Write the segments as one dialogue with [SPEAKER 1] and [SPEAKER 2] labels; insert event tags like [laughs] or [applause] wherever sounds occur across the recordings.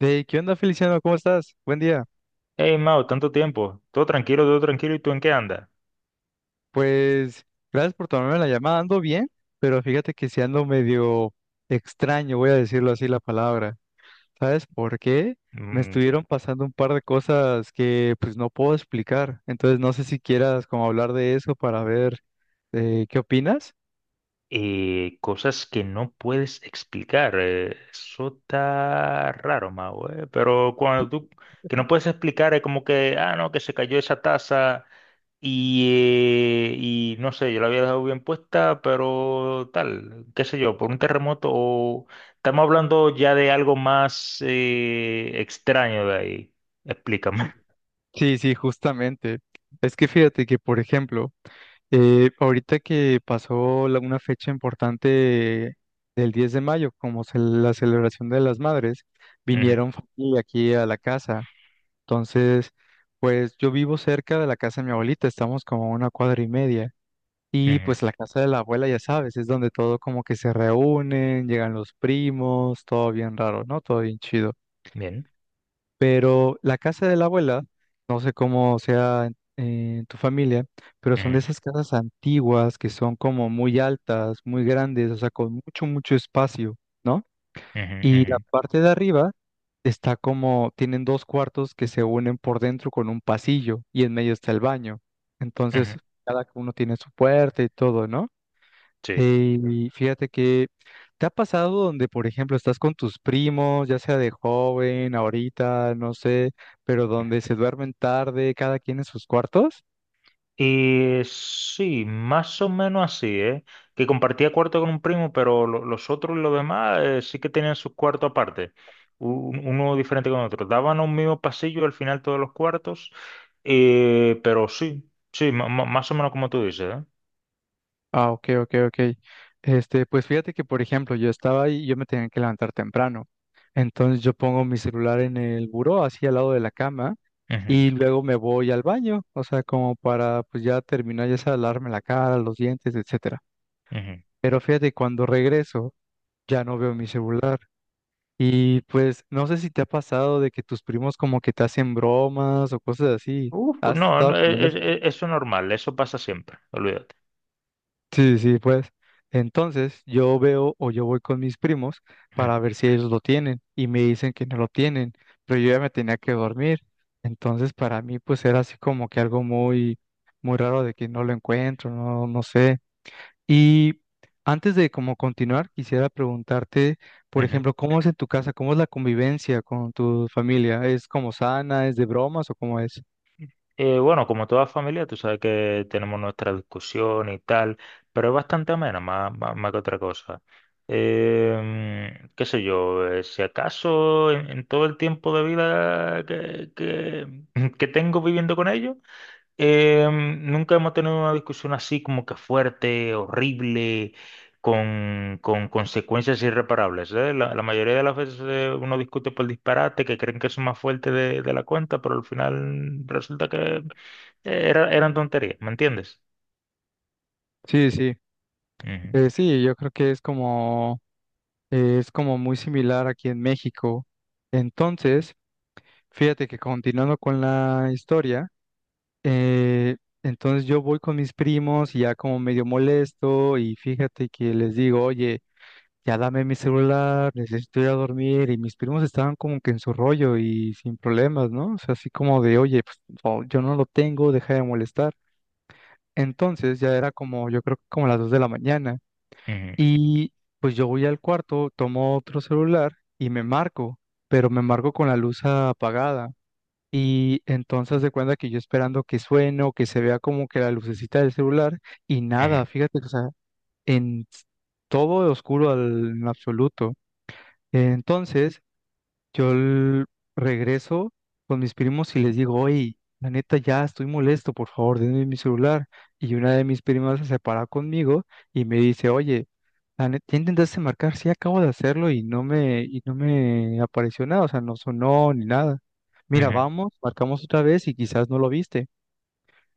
[SPEAKER 1] Hey, ¿qué onda, Feliciano? ¿Cómo estás? Buen día.
[SPEAKER 2] Hey, Mao, tanto tiempo. Todo tranquilo, todo tranquilo. ¿Y tú en qué andas?
[SPEAKER 1] Pues gracias por tomarme la llamada. Ando bien, pero fíjate que si ando medio extraño, voy a decirlo así la palabra. ¿Sabes por qué? Me
[SPEAKER 2] Mm,
[SPEAKER 1] estuvieron pasando un par de cosas que pues no puedo explicar. Entonces no sé si quieras como hablar de eso para ver qué opinas.
[SPEAKER 2] cosas que no puedes explicar. Eso está raro, Mao. Pero cuando tú que no puedes explicar es como que, ah, no, que se cayó esa taza y, y no sé, yo la había dejado bien puesta, pero tal, qué sé yo, por un terremoto o estamos hablando ya de algo más extraño de ahí. Explícame. [laughs]
[SPEAKER 1] Sí, sí, justamente. Es que fíjate que, por ejemplo, ahorita que pasó una fecha importante del 10 de mayo, como la celebración de las madres,
[SPEAKER 2] Ujú,
[SPEAKER 1] vinieron familia aquí a la casa. Entonces, pues yo vivo cerca de la casa de mi abuelita, estamos como a una cuadra y media. Y
[SPEAKER 2] ujú.
[SPEAKER 1] pues la casa de la abuela, ya sabes, es donde todo como que se reúnen, llegan los primos, todo bien raro, ¿no? Todo bien chido. Pero la casa de la abuela, no sé cómo sea en tu familia, pero son de
[SPEAKER 2] Bien.
[SPEAKER 1] esas casas antiguas que son como muy altas, muy grandes, o sea, con mucho, mucho espacio, ¿no?
[SPEAKER 2] Ujú,
[SPEAKER 1] Y la
[SPEAKER 2] ujú,
[SPEAKER 1] parte de arriba está como, tienen dos cuartos que se unen por dentro con un pasillo y en medio está el baño.
[SPEAKER 2] ujú.
[SPEAKER 1] Entonces, cada uno tiene su puerta y todo, ¿no?
[SPEAKER 2] Sí.
[SPEAKER 1] Y fíjate que te ha pasado donde, por ejemplo, estás con tus primos, ya sea de joven, ahorita, no sé, pero donde se duermen tarde, cada quien en sus cuartos.
[SPEAKER 2] Y sí, más o menos así, ¿eh? Que compartía cuarto con un primo, pero los otros, los demás sí que tenían sus cuartos aparte, uno diferente con otro. Daban un mismo pasillo al final todos los cuartos, pero sí, sí, más o menos como tú dices, ¿eh?
[SPEAKER 1] Ah, ok, ok, ok. Este, pues fíjate que, por ejemplo, yo estaba ahí y yo me tenía que levantar temprano. Entonces yo pongo mi celular en el buró, así al lado de la cama, y luego me voy al baño, o sea, como para, pues ya terminar, ya sea lavarme la cara, los dientes, etcétera.
[SPEAKER 2] Ujú, ujú.
[SPEAKER 1] Pero fíjate, cuando regreso, ya no veo mi celular. Y pues no sé si te ha pasado de que tus primos como que te hacen bromas o cosas así.
[SPEAKER 2] Uf,
[SPEAKER 1] ¿Has
[SPEAKER 2] no,
[SPEAKER 1] estado
[SPEAKER 2] no,
[SPEAKER 1] como en eso?
[SPEAKER 2] eso es normal, eso pasa siempre, olvídate.
[SPEAKER 1] Sí, sí, pues. Entonces yo veo o yo voy con mis primos
[SPEAKER 2] Ujú,
[SPEAKER 1] para ver si ellos lo tienen y me dicen que no lo tienen, pero yo ya me tenía que dormir. Entonces para mí pues era así como que algo muy, muy raro de que no lo encuentro, no, no sé. Y antes de como continuar, quisiera preguntarte, por
[SPEAKER 2] ujú.
[SPEAKER 1] ejemplo, ¿cómo es en tu casa? ¿Cómo es la convivencia con tu familia? ¿Es como sana? ¿Es de bromas o cómo es?
[SPEAKER 2] Bueno, como toda familia, tú sabes que tenemos nuestra discusión y tal, pero es bastante amena, más, más, más que otra cosa. Qué sé yo, si acaso en todo el tiempo de vida que [laughs] que tengo viviendo con ellos, nunca hemos tenido una discusión así como que fuerte, horrible, con consecuencias irreparables, ¿eh? La mayoría de las veces uno discute por disparate, que creen que son más fuertes de la cuenta, pero al final resulta que eran tonterías, ¿me entiendes?
[SPEAKER 1] Sí, sí.
[SPEAKER 2] Ujú,
[SPEAKER 1] Sí, yo creo que es como muy similar aquí en México. Entonces, fíjate que continuando con la historia, eh, entonces yo voy con mis primos y ya como medio molesto y fíjate que les digo, oye, ya dame mi celular, necesito ir a dormir. Y mis primos estaban como que en su rollo y sin problemas, ¿no? O sea, así como de, oye, pues no, yo no lo tengo, deja de molestar. Entonces ya era como, yo creo que como las 2 de la mañana.
[SPEAKER 2] ujú,
[SPEAKER 1] Y pues yo voy al cuarto, tomo otro celular y me marco, pero me marco con la luz apagada. Y entonces de cuenta que yo esperando que suene o que se vea como que la lucecita del celular y
[SPEAKER 2] ujú,
[SPEAKER 1] nada, fíjate, que, o sea, en todo oscuro al, en absoluto. Entonces, yo l- regreso con mis primos y les digo, oye, la neta ya estoy molesto, por favor, denme mi celular. Y una de mis primas se separa conmigo y me dice, oye, la neta, ¿ya intentaste marcar? Sí, acabo de hacerlo y no me apareció nada, o sea, no sonó ni nada. Mira,
[SPEAKER 2] ujú,
[SPEAKER 1] vamos, marcamos otra vez y quizás no lo viste.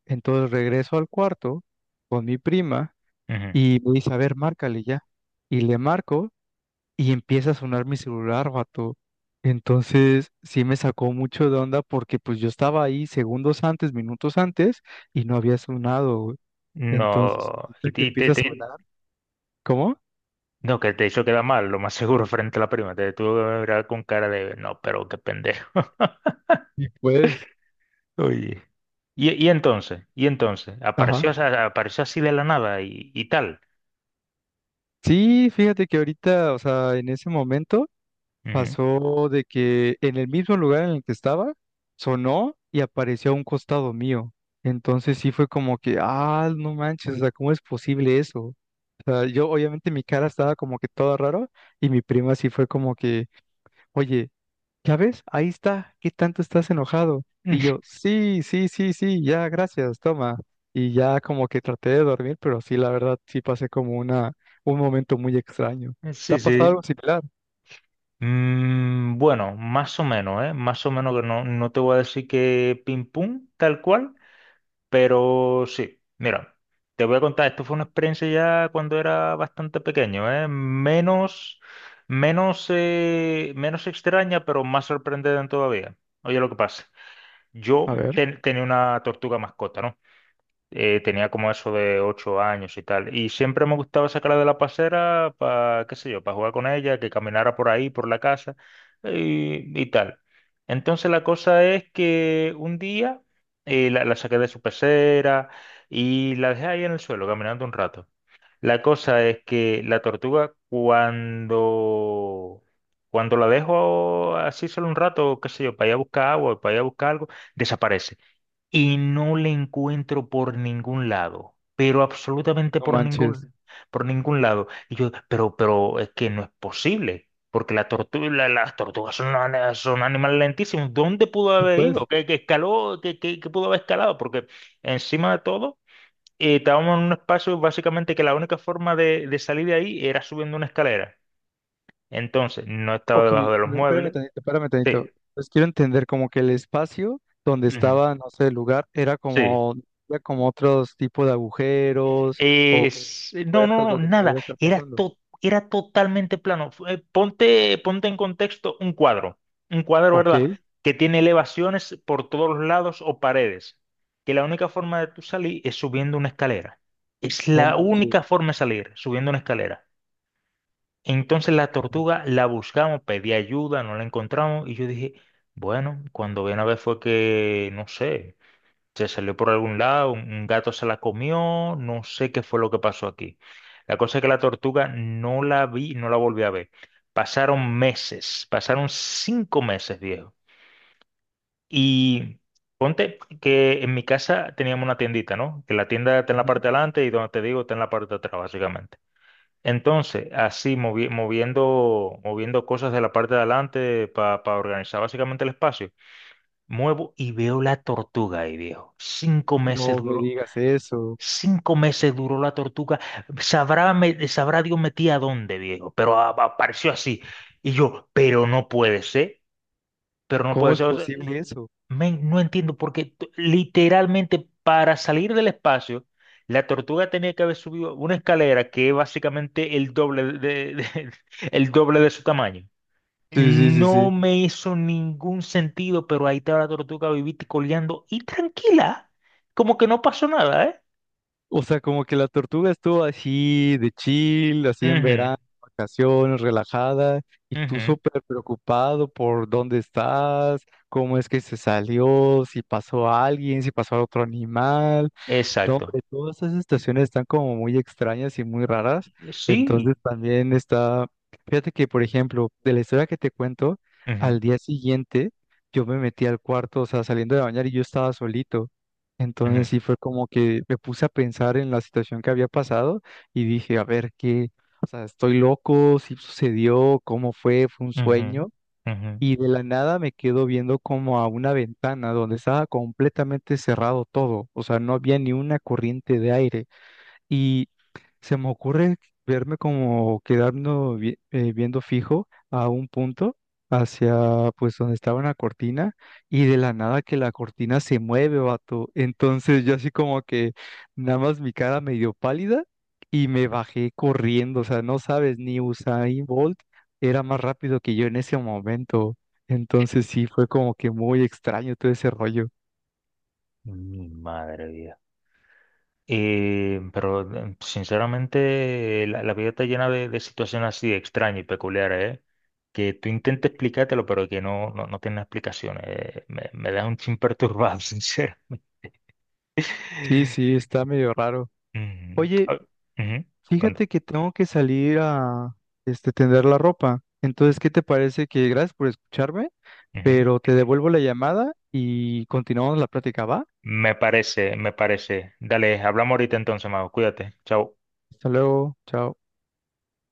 [SPEAKER 1] Entonces regreso al cuarto con mi prima
[SPEAKER 2] ujú.
[SPEAKER 1] y me dice, a ver, márcale ya. Y le marco y empieza a sonar mi celular, vato. Entonces, sí me sacó mucho de onda porque pues yo estaba ahí segundos antes, minutos antes, y no había sonado, güey. Entonces,
[SPEAKER 2] No, y
[SPEAKER 1] ahorita que
[SPEAKER 2] te,
[SPEAKER 1] empieza a sonar, ¿cómo?
[SPEAKER 2] no, que te hizo quedar mal, lo más seguro, [laughs] frente a la prima, te tuvo que mirar con cara de, no, pero qué pendejo.
[SPEAKER 1] Y pues,
[SPEAKER 2] Oye. Y entonces, apareció,
[SPEAKER 1] ajá.
[SPEAKER 2] apareció así de la nada y, y tal.
[SPEAKER 1] Sí, fíjate que ahorita, o sea, en ese momento
[SPEAKER 2] Ujú.
[SPEAKER 1] pasó de que en el mismo lugar en el que estaba, sonó y apareció a un costado mío. Entonces sí fue como que, ah, no manches, o sea, ¿cómo es posible eso? O sea, yo obviamente mi cara estaba como que todo raro y mi prima sí fue como que, oye, ¿ya ves? Ahí está, ¿qué tanto estás enojado? Y yo,
[SPEAKER 2] [laughs]
[SPEAKER 1] sí, sí, sí, sí, ya, gracias, toma. Y ya como que traté de dormir, pero sí, la verdad, sí pasé como una, un momento muy extraño. ¿Te
[SPEAKER 2] Sí,
[SPEAKER 1] ha pasado
[SPEAKER 2] sí.
[SPEAKER 1] algo similar?
[SPEAKER 2] Mm, bueno, más o menos, ¿eh? Más o menos que no, no te voy a decir que pim pum, tal cual, pero sí. Mira, te voy a contar, esto fue una experiencia ya cuando era bastante pequeño, ¿eh? Menos, menos, menos extraña, pero más sorprendente todavía. Oye, lo que pasa, yo
[SPEAKER 1] A ver,
[SPEAKER 2] tenía una tortuga mascota, ¿no? Tenía como eso de ocho años y tal. Y siempre me gustaba sacarla de la pasera para, qué sé yo, para jugar con ella, que caminara por ahí, por la casa y tal. Entonces la cosa es que un día la, la saqué de su pecera y la dejé ahí en el suelo caminando un rato. La cosa es que la tortuga cuando... Cuando la dejo así solo un rato, qué sé yo, para ir a buscar agua, para ir a buscar algo, desaparece y no le encuentro por ningún lado, pero absolutamente
[SPEAKER 1] no manches.
[SPEAKER 2] por ningún lado. Y yo, pero es que no es posible, porque la las tortugas son, son animales lentísimos. ¿Dónde pudo
[SPEAKER 1] Sí,
[SPEAKER 2] haber ido?
[SPEAKER 1] pues,
[SPEAKER 2] ¿Qué, qué escaló? ¿Qué, qué pudo haber escalado? Porque encima de todo, estábamos en un espacio básicamente que la única forma de salir de ahí era subiendo una escalera. Entonces, no estaba
[SPEAKER 1] ok,
[SPEAKER 2] debajo de
[SPEAKER 1] a
[SPEAKER 2] los
[SPEAKER 1] ver, espérame
[SPEAKER 2] muebles.
[SPEAKER 1] tantito, espérame tantito.
[SPEAKER 2] Sí.
[SPEAKER 1] Pues quiero entender como que el espacio donde
[SPEAKER 2] Ujú.
[SPEAKER 1] estaba, no sé, el lugar,
[SPEAKER 2] Sí.
[SPEAKER 1] era como otros tipos de agujeros o
[SPEAKER 2] No,
[SPEAKER 1] puertas
[SPEAKER 2] no, no,
[SPEAKER 1] donde
[SPEAKER 2] nada.
[SPEAKER 1] pudiera estar
[SPEAKER 2] Era,
[SPEAKER 1] pasando.
[SPEAKER 2] era totalmente plano. Ponte, ponte en contexto un cuadro,
[SPEAKER 1] Ok,
[SPEAKER 2] ¿verdad? Que tiene elevaciones por todos los lados o paredes. Que la única forma de tú salir es subiendo una escalera. Es
[SPEAKER 1] no
[SPEAKER 2] la
[SPEAKER 1] manches.
[SPEAKER 2] única forma de salir, subiendo una escalera. Entonces la tortuga la buscamos, pedí ayuda, no la encontramos y yo dije, bueno, cuando ven a ver fue que, no sé. Se salió por algún lado, un gato se la comió, no sé qué fue lo que pasó aquí. La cosa es que la tortuga no la vi, no la volví a ver. Pasaron meses, pasaron cinco meses, viejo. Y ponte que en mi casa teníamos una tiendita, ¿no? Que la tienda está en la
[SPEAKER 1] Ujú.
[SPEAKER 2] parte de adelante y donde te digo está en la parte de atrás, básicamente. Entonces, así moviendo, moviendo cosas de la parte de adelante para organizar básicamente el espacio, muevo y veo la tortuga ahí, viejo. Cinco meses
[SPEAKER 1] No me
[SPEAKER 2] duró.
[SPEAKER 1] digas eso.
[SPEAKER 2] Cinco meses duró la tortuga. Sabrá, sabrá Dios metía a dónde, viejo, pero apareció así. Y yo, pero no puede ser, pero no
[SPEAKER 1] ¿Cómo
[SPEAKER 2] puede
[SPEAKER 1] es
[SPEAKER 2] ser. O sea,
[SPEAKER 1] posible eso?
[SPEAKER 2] men, no entiendo porque literalmente para salir del espacio, la tortuga tenía que haber subido una escalera que es básicamente el doble de, [laughs] el doble de su tamaño.
[SPEAKER 1] Sí, sí, sí, sí.
[SPEAKER 2] No me hizo ningún sentido, pero ahí estaba la tortuga vivita y coleando y tranquila, como que no pasó nada, ¿eh?
[SPEAKER 1] O sea, como que la tortuga estuvo así de chill, así en
[SPEAKER 2] Ujú,
[SPEAKER 1] verano, vacaciones, relajada, y tú
[SPEAKER 2] ujú.
[SPEAKER 1] súper preocupado por dónde estás, cómo es que se salió, si pasó alguien, si pasó otro animal. No,
[SPEAKER 2] Exacto.
[SPEAKER 1] hombre, todas esas estaciones están como muy extrañas y muy raras. Entonces
[SPEAKER 2] Sí.
[SPEAKER 1] también está, fíjate que, por ejemplo, de la historia que te cuento,
[SPEAKER 2] Ujú,
[SPEAKER 1] al día siguiente yo me metí al cuarto, o sea, saliendo de bañar y yo estaba solito.
[SPEAKER 2] ujú,
[SPEAKER 1] Entonces sí fue como que me puse a pensar en la situación que había pasado y dije, a ver, ¿qué? O sea, ¿estoy loco? ¿Sí sucedió? ¿Cómo fue? ¿Fue un
[SPEAKER 2] ujú,
[SPEAKER 1] sueño?
[SPEAKER 2] ujú.
[SPEAKER 1] Y de la nada me quedo viendo como a una ventana donde estaba completamente cerrado todo, o sea, no había ni una corriente de aire. Y se me ocurre verme como quedando viendo fijo a un punto hacia pues donde estaba una cortina y de la nada que la cortina se mueve, vato. Entonces yo así como que nada más mi cara medio pálida y me bajé corriendo, o sea, no sabes, ni Usain Bolt era más rápido que yo en ese momento. Entonces sí, fue como que muy extraño todo ese rollo.
[SPEAKER 2] Mi madre vida. Pero sinceramente la, la vida está llena de situaciones así extrañas y peculiares, ¿eh? Que tú intentes explicártelo, pero que no, no, no tiene explicaciones. Me, me deja un chin perturbado, [laughs] sincero.
[SPEAKER 1] Sí, sí, está medio raro.
[SPEAKER 2] Ujú.
[SPEAKER 1] Oye,
[SPEAKER 2] Ah, ujú, cuando-
[SPEAKER 1] fíjate que tengo que salir a este, tender la ropa. Entonces, ¿qué te parece que gracias por escucharme?
[SPEAKER 2] ujú.
[SPEAKER 1] Pero te devuelvo la llamada y continuamos la práctica, ¿va?
[SPEAKER 2] Me parece, me parece. Dale, hablamos ahorita entonces, Mago. Cuídate. Chao.
[SPEAKER 1] Hasta luego, chao.